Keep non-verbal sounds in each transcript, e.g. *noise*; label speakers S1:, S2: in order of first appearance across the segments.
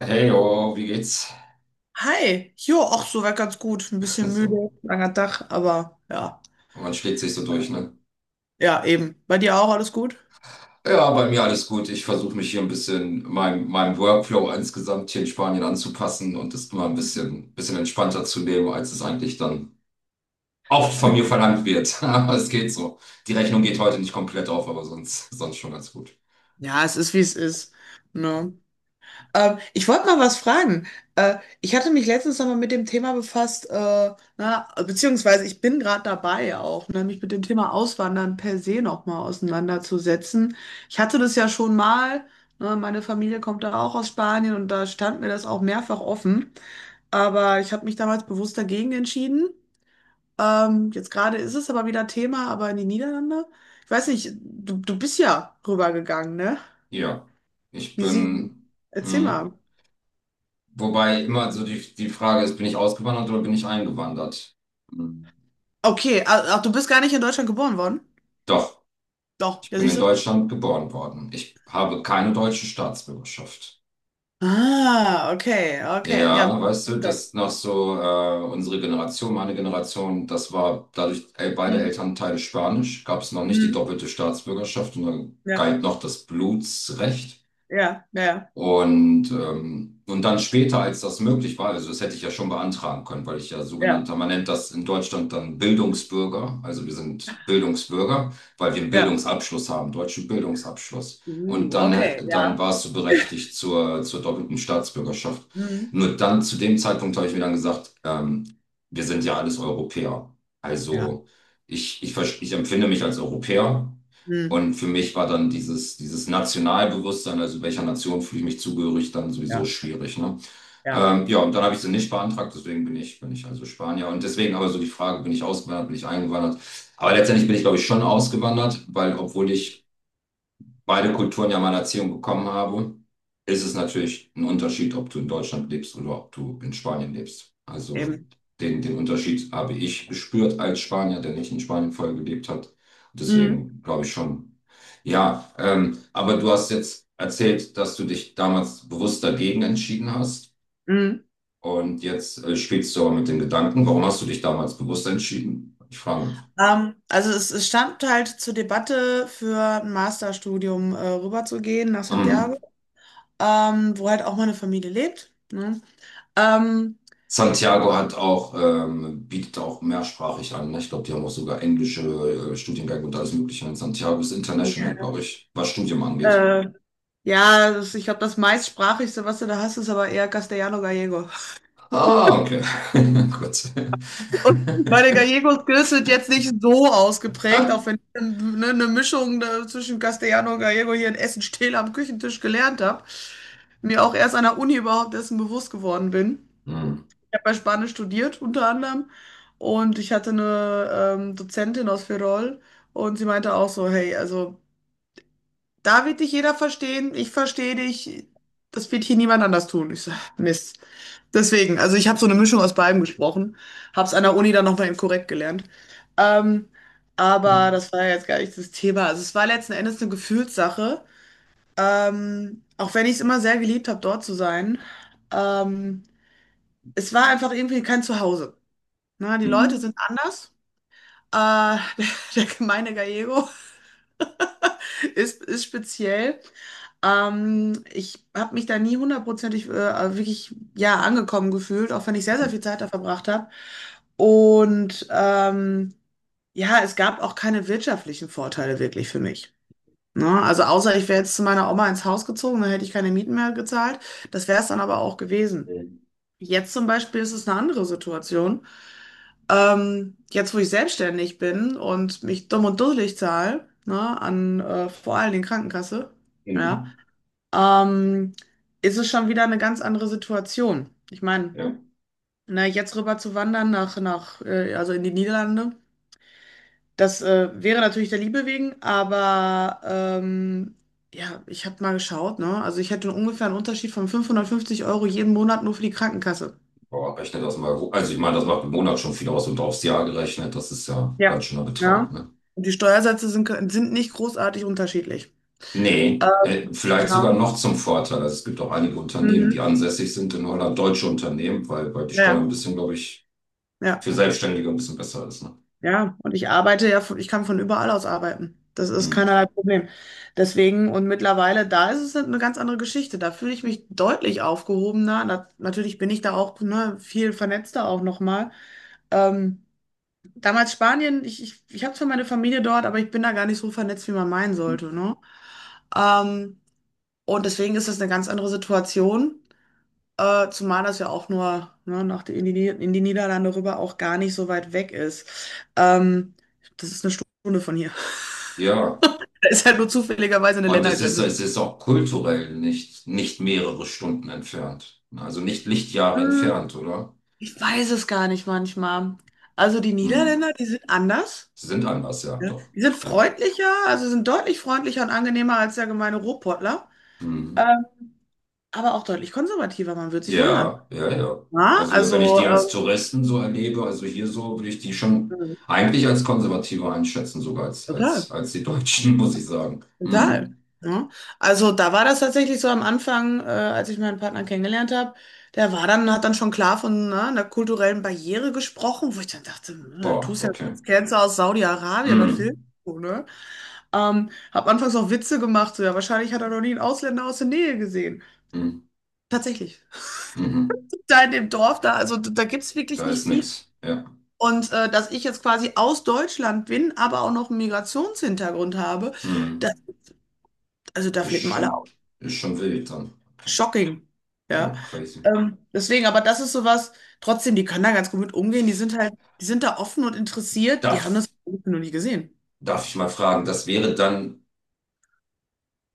S1: Hey, oh, wie geht's? *laughs*
S2: Hi, jo, auch soweit ganz gut. Ein bisschen
S1: So,
S2: müde, langer Tag, aber ja.
S1: man schlägt sich so durch, ne?
S2: Ja, eben. Bei dir auch alles gut?
S1: Ja, bei mir alles gut. Ich versuche mich hier ein bisschen meinem Workflow insgesamt hier in Spanien anzupassen und es mal ein bisschen entspannter zu nehmen, als es eigentlich dann oft von mir verlangt wird. *laughs* Aber es geht so. Die Rechnung geht heute nicht komplett auf, aber sonst schon ganz gut.
S2: Ja, es ist, wie es ist. Ne? Ich wollte mal was fragen. Äh, Ich hatte mich letztens nochmal mit dem Thema befasst, na, beziehungsweise ich bin gerade dabei auch, ne, mich mit dem Thema Auswandern per se nochmal auseinanderzusetzen. Ich hatte das ja schon mal, ne, meine Familie kommt da auch aus Spanien und da stand mir das auch mehrfach offen. Aber ich habe mich damals bewusst dagegen entschieden. Jetzt gerade ist es aber wieder Thema, aber in die Niederlande. Ich weiß nicht, du bist ja rübergegangen, ne?
S1: Ja, ich
S2: Wie sie.
S1: bin,
S2: Erzähl
S1: hm,
S2: mal.
S1: wobei immer so die Frage ist, bin ich ausgewandert oder bin ich eingewandert? Hm.
S2: Okay, ach, du bist gar nicht in Deutschland geboren worden?
S1: Doch,
S2: Doch,
S1: ich
S2: ja,
S1: bin
S2: siehst
S1: in
S2: du?
S1: Deutschland geboren worden. Ich habe keine deutsche Staatsbürgerschaft.
S2: Ah, okay, okay. Ja,
S1: Ja, weißt du,
S2: dann.
S1: das noch so unsere Generation, meine Generation, das war dadurch beide
S2: Hm,
S1: Elternteile Spanisch, gab es noch nicht die
S2: hm,
S1: doppelte Staatsbürgerschaft und dann
S2: ja,
S1: galt noch das Blutsrecht.
S2: ja, ja,
S1: Und dann später, als das möglich war, also das hätte ich ja schon beantragen können, weil ich ja
S2: ja,
S1: sogenannter, man nennt das in Deutschland dann Bildungsbürger, also wir sind Bildungsbürger, weil wir einen
S2: ja.
S1: Bildungsabschluss haben, deutschen Bildungsabschluss. Und
S2: Okay,
S1: dann
S2: ja.
S1: warst du berechtigt zur doppelten Staatsbürgerschaft.
S2: Hm,
S1: Nur dann, zu dem Zeitpunkt habe ich mir dann gesagt, wir sind ja alles Europäer.
S2: ja,
S1: Also ich empfinde mich als Europäer
S2: hm,
S1: und für mich war dann dieses Nationalbewusstsein, also welcher Nation fühle ich mich zugehörig, dann sowieso
S2: ja,
S1: schwierig, ne?
S2: ja,
S1: Ja, und dann habe ich sie nicht beantragt, deswegen bin ich also Spanier. Und deswegen aber so die Frage, bin ich ausgewandert, bin ich eingewandert? Aber letztendlich bin ich, glaube ich, schon ausgewandert, weil obwohl ich beide Kulturen ja meine Erziehung bekommen habe, ist es natürlich ein Unterschied, ob du in Deutschland lebst oder ob du in Spanien lebst. Also
S2: eben.
S1: den Unterschied habe ich gespürt als Spanier, der nicht in Spanien vorher gelebt hat. Und
S2: Hm,
S1: deswegen glaube ich schon. Ja, aber du hast jetzt erzählt, dass du dich damals bewusst dagegen entschieden hast.
S2: hm.
S1: Und jetzt spielst du aber mit den Gedanken, warum hast du dich damals bewusst entschieden? Ich frage mich.
S2: Also es stand halt zur Debatte für ein Masterstudium rüberzugehen nach Santiago,
S1: Mhm.
S2: wo halt auch meine Familie lebt. Ne? Ähm,
S1: Santiago hat auch, bietet auch mehrsprachig an. Ne? Ich glaube, die haben auch sogar englische Studiengänge und alles Mögliche. Und Santiago ist
S2: ja,
S1: international, glaube ich, was Studium angeht.
S2: äh, ja das, ich glaube, das meistsprachigste, was du da hast, ist aber eher Castellano-Gallego.
S1: Ah, okay. *laughs* Gut.
S2: *laughs* Und meine
S1: *laughs*
S2: Gallego-Skills sind jetzt nicht so ausgeprägt, auch wenn ich ne, eine Mischung zwischen Castellano und Gallego hier in Essen-Stehle am Küchentisch gelernt habe, mir auch erst an der Uni überhaupt dessen bewusst geworden bin.
S1: Hm.
S2: Ich habe ja Spanisch studiert, unter anderem. Und ich hatte eine Dozentin aus Ferrol und sie meinte auch so, hey, also da wird dich jeder verstehen, ich verstehe dich, das wird hier niemand anders tun. Ich so, *laughs* Mist. Deswegen, also ich habe so eine Mischung aus beidem gesprochen, habe es an der Uni dann nochmal eben korrekt gelernt. Ähm, aber das war ja jetzt gar nicht das Thema. Also es war letzten Endes eine Gefühlssache, auch wenn ich es immer sehr geliebt habe, dort zu sein. Ähm, Es war einfach irgendwie kein Zuhause. Na, die Leute sind anders. Äh, *laughs* Der gemeine Gallego ist speziell. Ich habe mich da nie hundertprozentig wirklich ja, angekommen gefühlt, auch wenn ich sehr, sehr viel Zeit da verbracht habe. Und ja, es gab auch keine wirtschaftlichen Vorteile wirklich für mich. Ne? Also außer ich wäre jetzt zu meiner Oma ins Haus gezogen, dann hätte ich keine Mieten mehr gezahlt. Das wäre es dann aber auch gewesen. Jetzt zum Beispiel ist es eine andere Situation. Jetzt, wo ich selbstständig bin und mich dumm und dusselig zahle, ne, an vor allen Dingen Krankenkasse, ja,
S1: Mhm.
S2: ähm, ist es schon wieder eine ganz andere Situation. Ich meine,
S1: Ja,
S2: na, jetzt rüber zu wandern nach, also in die Niederlande, das wäre natürlich der Liebe wegen, aber ja, ich habe mal geschaut, ne, also ich hätte ungefähr einen Unterschied von 550 € jeden Monat nur für die Krankenkasse.
S1: boah, rechne das mal hoch. Also ich meine, das macht im Monat schon viel aus und aufs Jahr gerechnet, das ist ja ein ganz
S2: Ja.
S1: schöner Betrag,
S2: Ja.
S1: ne?
S2: Und die Steuersätze sind nicht großartig unterschiedlich.
S1: Nee, vielleicht sogar
S2: Ja.
S1: noch zum Vorteil. Also es gibt auch einige Unternehmen, die
S2: Mhm.
S1: ansässig sind in Holland, deutsche Unternehmen, weil die Steuer ein
S2: Ja,
S1: bisschen, glaube ich,
S2: ja,
S1: für Selbstständige ein bisschen besser ist. Ne?
S2: ja. Und ich arbeite ja, ich kann von überall aus arbeiten. Das ist
S1: Hm.
S2: keinerlei Problem. Deswegen, und mittlerweile, da ist es eine ganz andere Geschichte. Da fühle ich mich deutlich aufgehobener. Na, natürlich bin ich da auch, ne, viel vernetzter auch nochmal. Ähm, Damals Spanien, ich habe zwar meine Familie dort, aber ich bin da gar nicht so vernetzt, wie man meinen sollte, ne? Ähm, und deswegen ist das eine ganz andere Situation. Zumal das ja auch nur ne, nach die, in die, Nieder- in die Niederlande rüber auch gar nicht so weit weg ist. Ähm, Das ist eine Stunde von hier. *laughs*
S1: Ja,
S2: Da ist halt nur zufälligerweise eine
S1: und
S2: Ländergrenze.
S1: es ist auch kulturell nicht mehrere Stunden entfernt. Also nicht Lichtjahre
S2: Hm,
S1: entfernt, oder?
S2: Ich weiß es gar nicht manchmal. Also die
S1: Hm.
S2: Niederländer, die sind anders.
S1: Sie sind anders, ja,
S2: Ja.
S1: doch.
S2: Die sind
S1: Ja.
S2: freundlicher, also sind deutlich freundlicher und angenehmer als der gemeine Ruhrpottler.
S1: Mhm.
S2: Ähm, aber auch deutlich konservativer, man wird sich wundern.
S1: Ja, ja, ja.
S2: Ja,
S1: Also wenn ich
S2: also,
S1: die als Touristen so erlebe, also hier so, würde ich die schon
S2: ähm,
S1: eigentlich als konservativer einschätzen, sogar als, als,
S2: total.
S1: als die Deutschen, *laughs* muss ich sagen.
S2: Total.
S1: Mhm.
S2: Ja. Also da war das tatsächlich so am Anfang, als ich meinen Partner kennengelernt habe, hat dann schon klar von ne, einer kulturellen Barriere gesprochen, wo ich dann dachte, ne, du
S1: Boah,
S2: tust ja
S1: okay.
S2: als Cancer aus Saudi-Arabien und filmst
S1: Mhm.
S2: du, ne? Hab anfangs auch Witze gemacht, so ja, wahrscheinlich hat er noch nie einen Ausländer aus der Nähe gesehen.
S1: Mhm.
S2: Tatsächlich. *laughs*
S1: Mhm.
S2: Da in dem Dorf, da, also da gibt's wirklich
S1: Da
S2: nicht
S1: ist
S2: viel.
S1: nix. Ja.
S2: Und dass ich jetzt quasi aus Deutschland bin, aber auch noch einen Migrationshintergrund habe, da,
S1: Mhm.
S2: also da
S1: Ist
S2: flippen alle
S1: schon,
S2: aus.
S1: ist schon wild dann. Okay.
S2: Shocking, ja.
S1: Ja, crazy.
S2: Deswegen, aber das ist sowas, trotzdem, die können da ganz gut mit umgehen. Die sind halt, die sind da offen und interessiert. Die haben das
S1: Darf,
S2: noch nie gesehen.
S1: darf ich mal fragen, das wäre dann,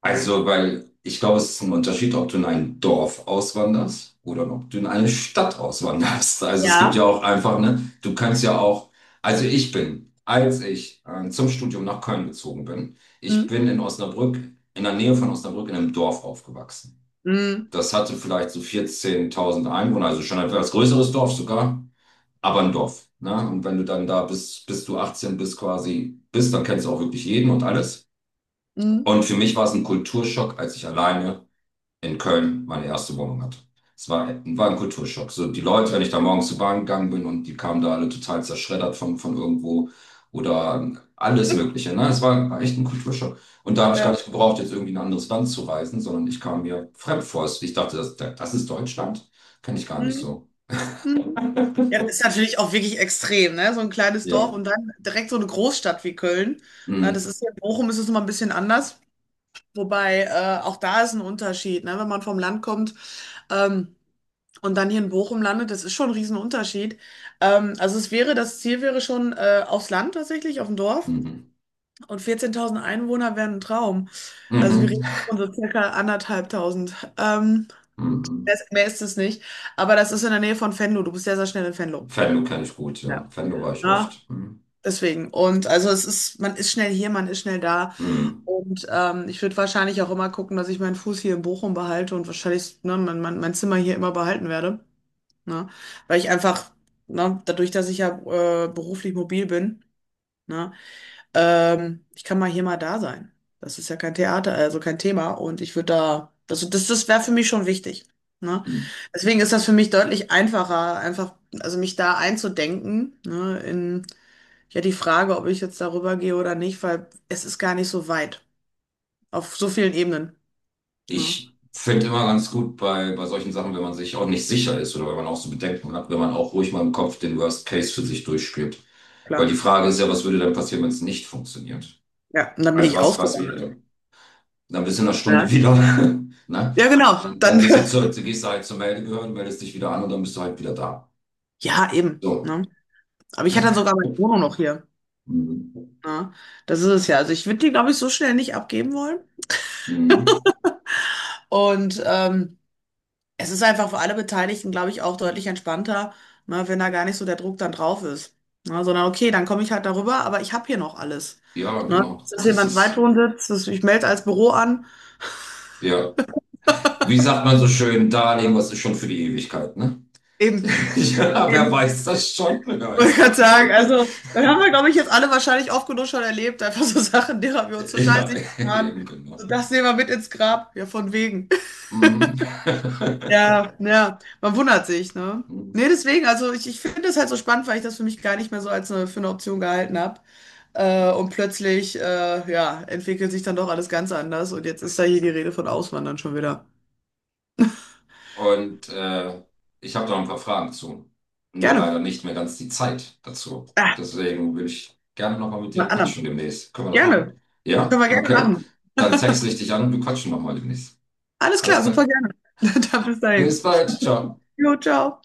S1: also, weil ich glaube, es ist ein Unterschied, ob du in ein Dorf auswanderst oder ob du in eine Stadt auswanderst. Also es gibt ja
S2: Ja.
S1: auch einfach, ne, du kannst ja auch, also ich bin, als ich zum Studium nach Köln gezogen bin, ich
S2: Hm,
S1: bin in Osnabrück, in der Nähe von Osnabrück in einem Dorf aufgewachsen.
S2: hm,
S1: Das hatte vielleicht so 14.000 Einwohner, also schon ein etwas größeres Dorf sogar, aber ein Dorf. Ne? Und wenn du dann da bist, bis du 18 bist quasi bist, dann kennst du auch wirklich jeden und alles.
S2: hm,
S1: Und für mich war es ein Kulturschock, als ich alleine in Köln meine erste Wohnung hatte. Es war, war ein Kulturschock. So die Leute, wenn ich da morgens zur Bahn gegangen bin und die kamen da alle total zerschreddert von irgendwo oder alles Mögliche. Ne? Es war, war echt ein Kulturschock. Und da habe ich gar
S2: ja,
S1: nicht gebraucht, jetzt irgendwie in ein anderes Land zu reisen, sondern ich kam mir fremd vor. Ich dachte, das ist Deutschland. Kenne ich gar nicht
S2: hm,
S1: so.
S2: hm. Hm. Ja, das ist natürlich auch wirklich extrem, ne? So ein kleines Dorf
S1: Ja.
S2: und dann direkt so eine Großstadt wie Köln. Na, das
S1: Mhm.
S2: ist ja, in Bochum ist es nochmal ein bisschen anders. Wobei, auch da ist ein Unterschied, ne? Wenn man vom Land kommt. Ähm, und dann hier in Bochum landet, das ist schon ein Riesenunterschied. Also es wäre, das Ziel wäre schon aufs Land tatsächlich, auf dem Dorf.
S1: Mhm.
S2: Und 14.000 Einwohner wären ein Traum. Also wir
S1: Mhm.
S2: reden von so circa 1.500.
S1: Mhm.
S2: Mehr ist es nicht. Aber das ist in der Nähe von Venlo. Du bist sehr, sehr schnell in Venlo.
S1: Venlo kenne ich gut, ja.
S2: Ja.
S1: Venlo war ich
S2: Ja,
S1: oft. Mhm.
S2: deswegen. Und also es ist, man ist schnell hier, man ist schnell da.
S1: Mhm.
S2: Und ich würde wahrscheinlich auch immer gucken, dass ich meinen Fuß hier in Bochum behalte und wahrscheinlich, ne, mein Zimmer hier immer behalten werde. Ne? Weil ich einfach, ne, dadurch, dass ich ja beruflich mobil bin, ne, ich kann mal hier mal da sein. Das ist ja kein Theater, also kein Thema. Und ich würde da, also das wäre für mich schon wichtig. Ne? Deswegen ist das für mich deutlich einfacher, einfach, also mich da einzudenken, ne, in ja die Frage, ob ich jetzt darüber gehe oder nicht, weil es ist gar nicht so weit. Auf so vielen Ebenen. Ne?
S1: Ich finde immer ganz gut bei solchen Sachen, wenn man sich auch nicht sicher ist oder wenn man auch so Bedenken hat, wenn man auch ruhig mal im Kopf den Worst Case für sich durchspielt. Weil
S2: Klar.
S1: die Frage ist ja, was würde dann passieren, wenn es nicht funktioniert?
S2: Ja, und dann bin
S1: Also
S2: ich
S1: was wäre
S2: ausgewandert.
S1: dann? Dann bist du in einer
S2: Ne?
S1: Stunde wieder, *laughs* ne?
S2: Ja, genau.
S1: Dann
S2: Dann,
S1: gehst gehst du halt zur Meldebehörde, meldest dich wieder an und dann bist du halt wieder da.
S2: *laughs* ja, eben.
S1: So.
S2: Ne? Aber ich hatte dann sogar meine Wohnung noch hier.
S1: Mhm.
S2: Ja, das ist es ja. Also ich würde die, glaube ich, so schnell nicht abgeben wollen.
S1: Mhm.
S2: Und es ist einfach für alle Beteiligten, glaube ich, auch deutlich entspannter, ne, wenn da gar nicht so der Druck dann drauf ist. Ne, sondern okay, dann komme ich halt darüber, aber ich habe hier noch alles.
S1: Ja,
S2: Ne,
S1: genau.
S2: dass das
S1: Das
S2: jemand
S1: ist,
S2: Zweitwohnsitz, dass ich melde als Büro an.
S1: ja. Wie sagt man so schön, Darling, was ist schon für die Ewigkeit, ne?
S2: Eben,
S1: *laughs* Ja, wer
S2: eben.
S1: weiß das schon? Wer
S2: *laughs* Wollte ich
S1: weiß
S2: gerade
S1: das
S2: sagen,
S1: schon?
S2: also,
S1: *laughs*
S2: dann haben wir, glaube ich, jetzt alle wahrscheinlich oft genug schon erlebt, einfach so *laughs* Sachen, derer wir uns total
S1: Ja,
S2: sicher waren.
S1: eben genau.
S2: So, das nehmen wir mit ins Grab. Ja, von wegen.
S1: Mhm. *laughs*
S2: Ja, ja, man wundert sich, ne? Nee, deswegen, also ich finde das halt so spannend, weil ich das für mich gar nicht mehr so für eine Option gehalten habe. Und plötzlich, ja, entwickelt sich dann doch alles ganz anders. Und jetzt ist da hier die Rede von Auswandern schon wieder.
S1: Und ich habe da ein paar Fragen zu. Nur
S2: Gerne.
S1: leider nicht mehr ganz die Zeit dazu.
S2: Ah,
S1: Deswegen will ich gerne nochmal mit
S2: mal
S1: dir
S2: andermal.
S1: quatschen demnächst. Können wir das
S2: Gerne.
S1: machen? Ja?
S2: Können wir gerne
S1: Okay.
S2: machen.
S1: Dann texte
S2: *laughs*
S1: ich dich an und wir quatschen nochmal demnächst.
S2: Alles
S1: Alles
S2: klar, super
S1: klar.
S2: gerne. *laughs* Dann bis
S1: Bis
S2: dahin.
S1: bald. Ciao.
S2: Jo, ciao.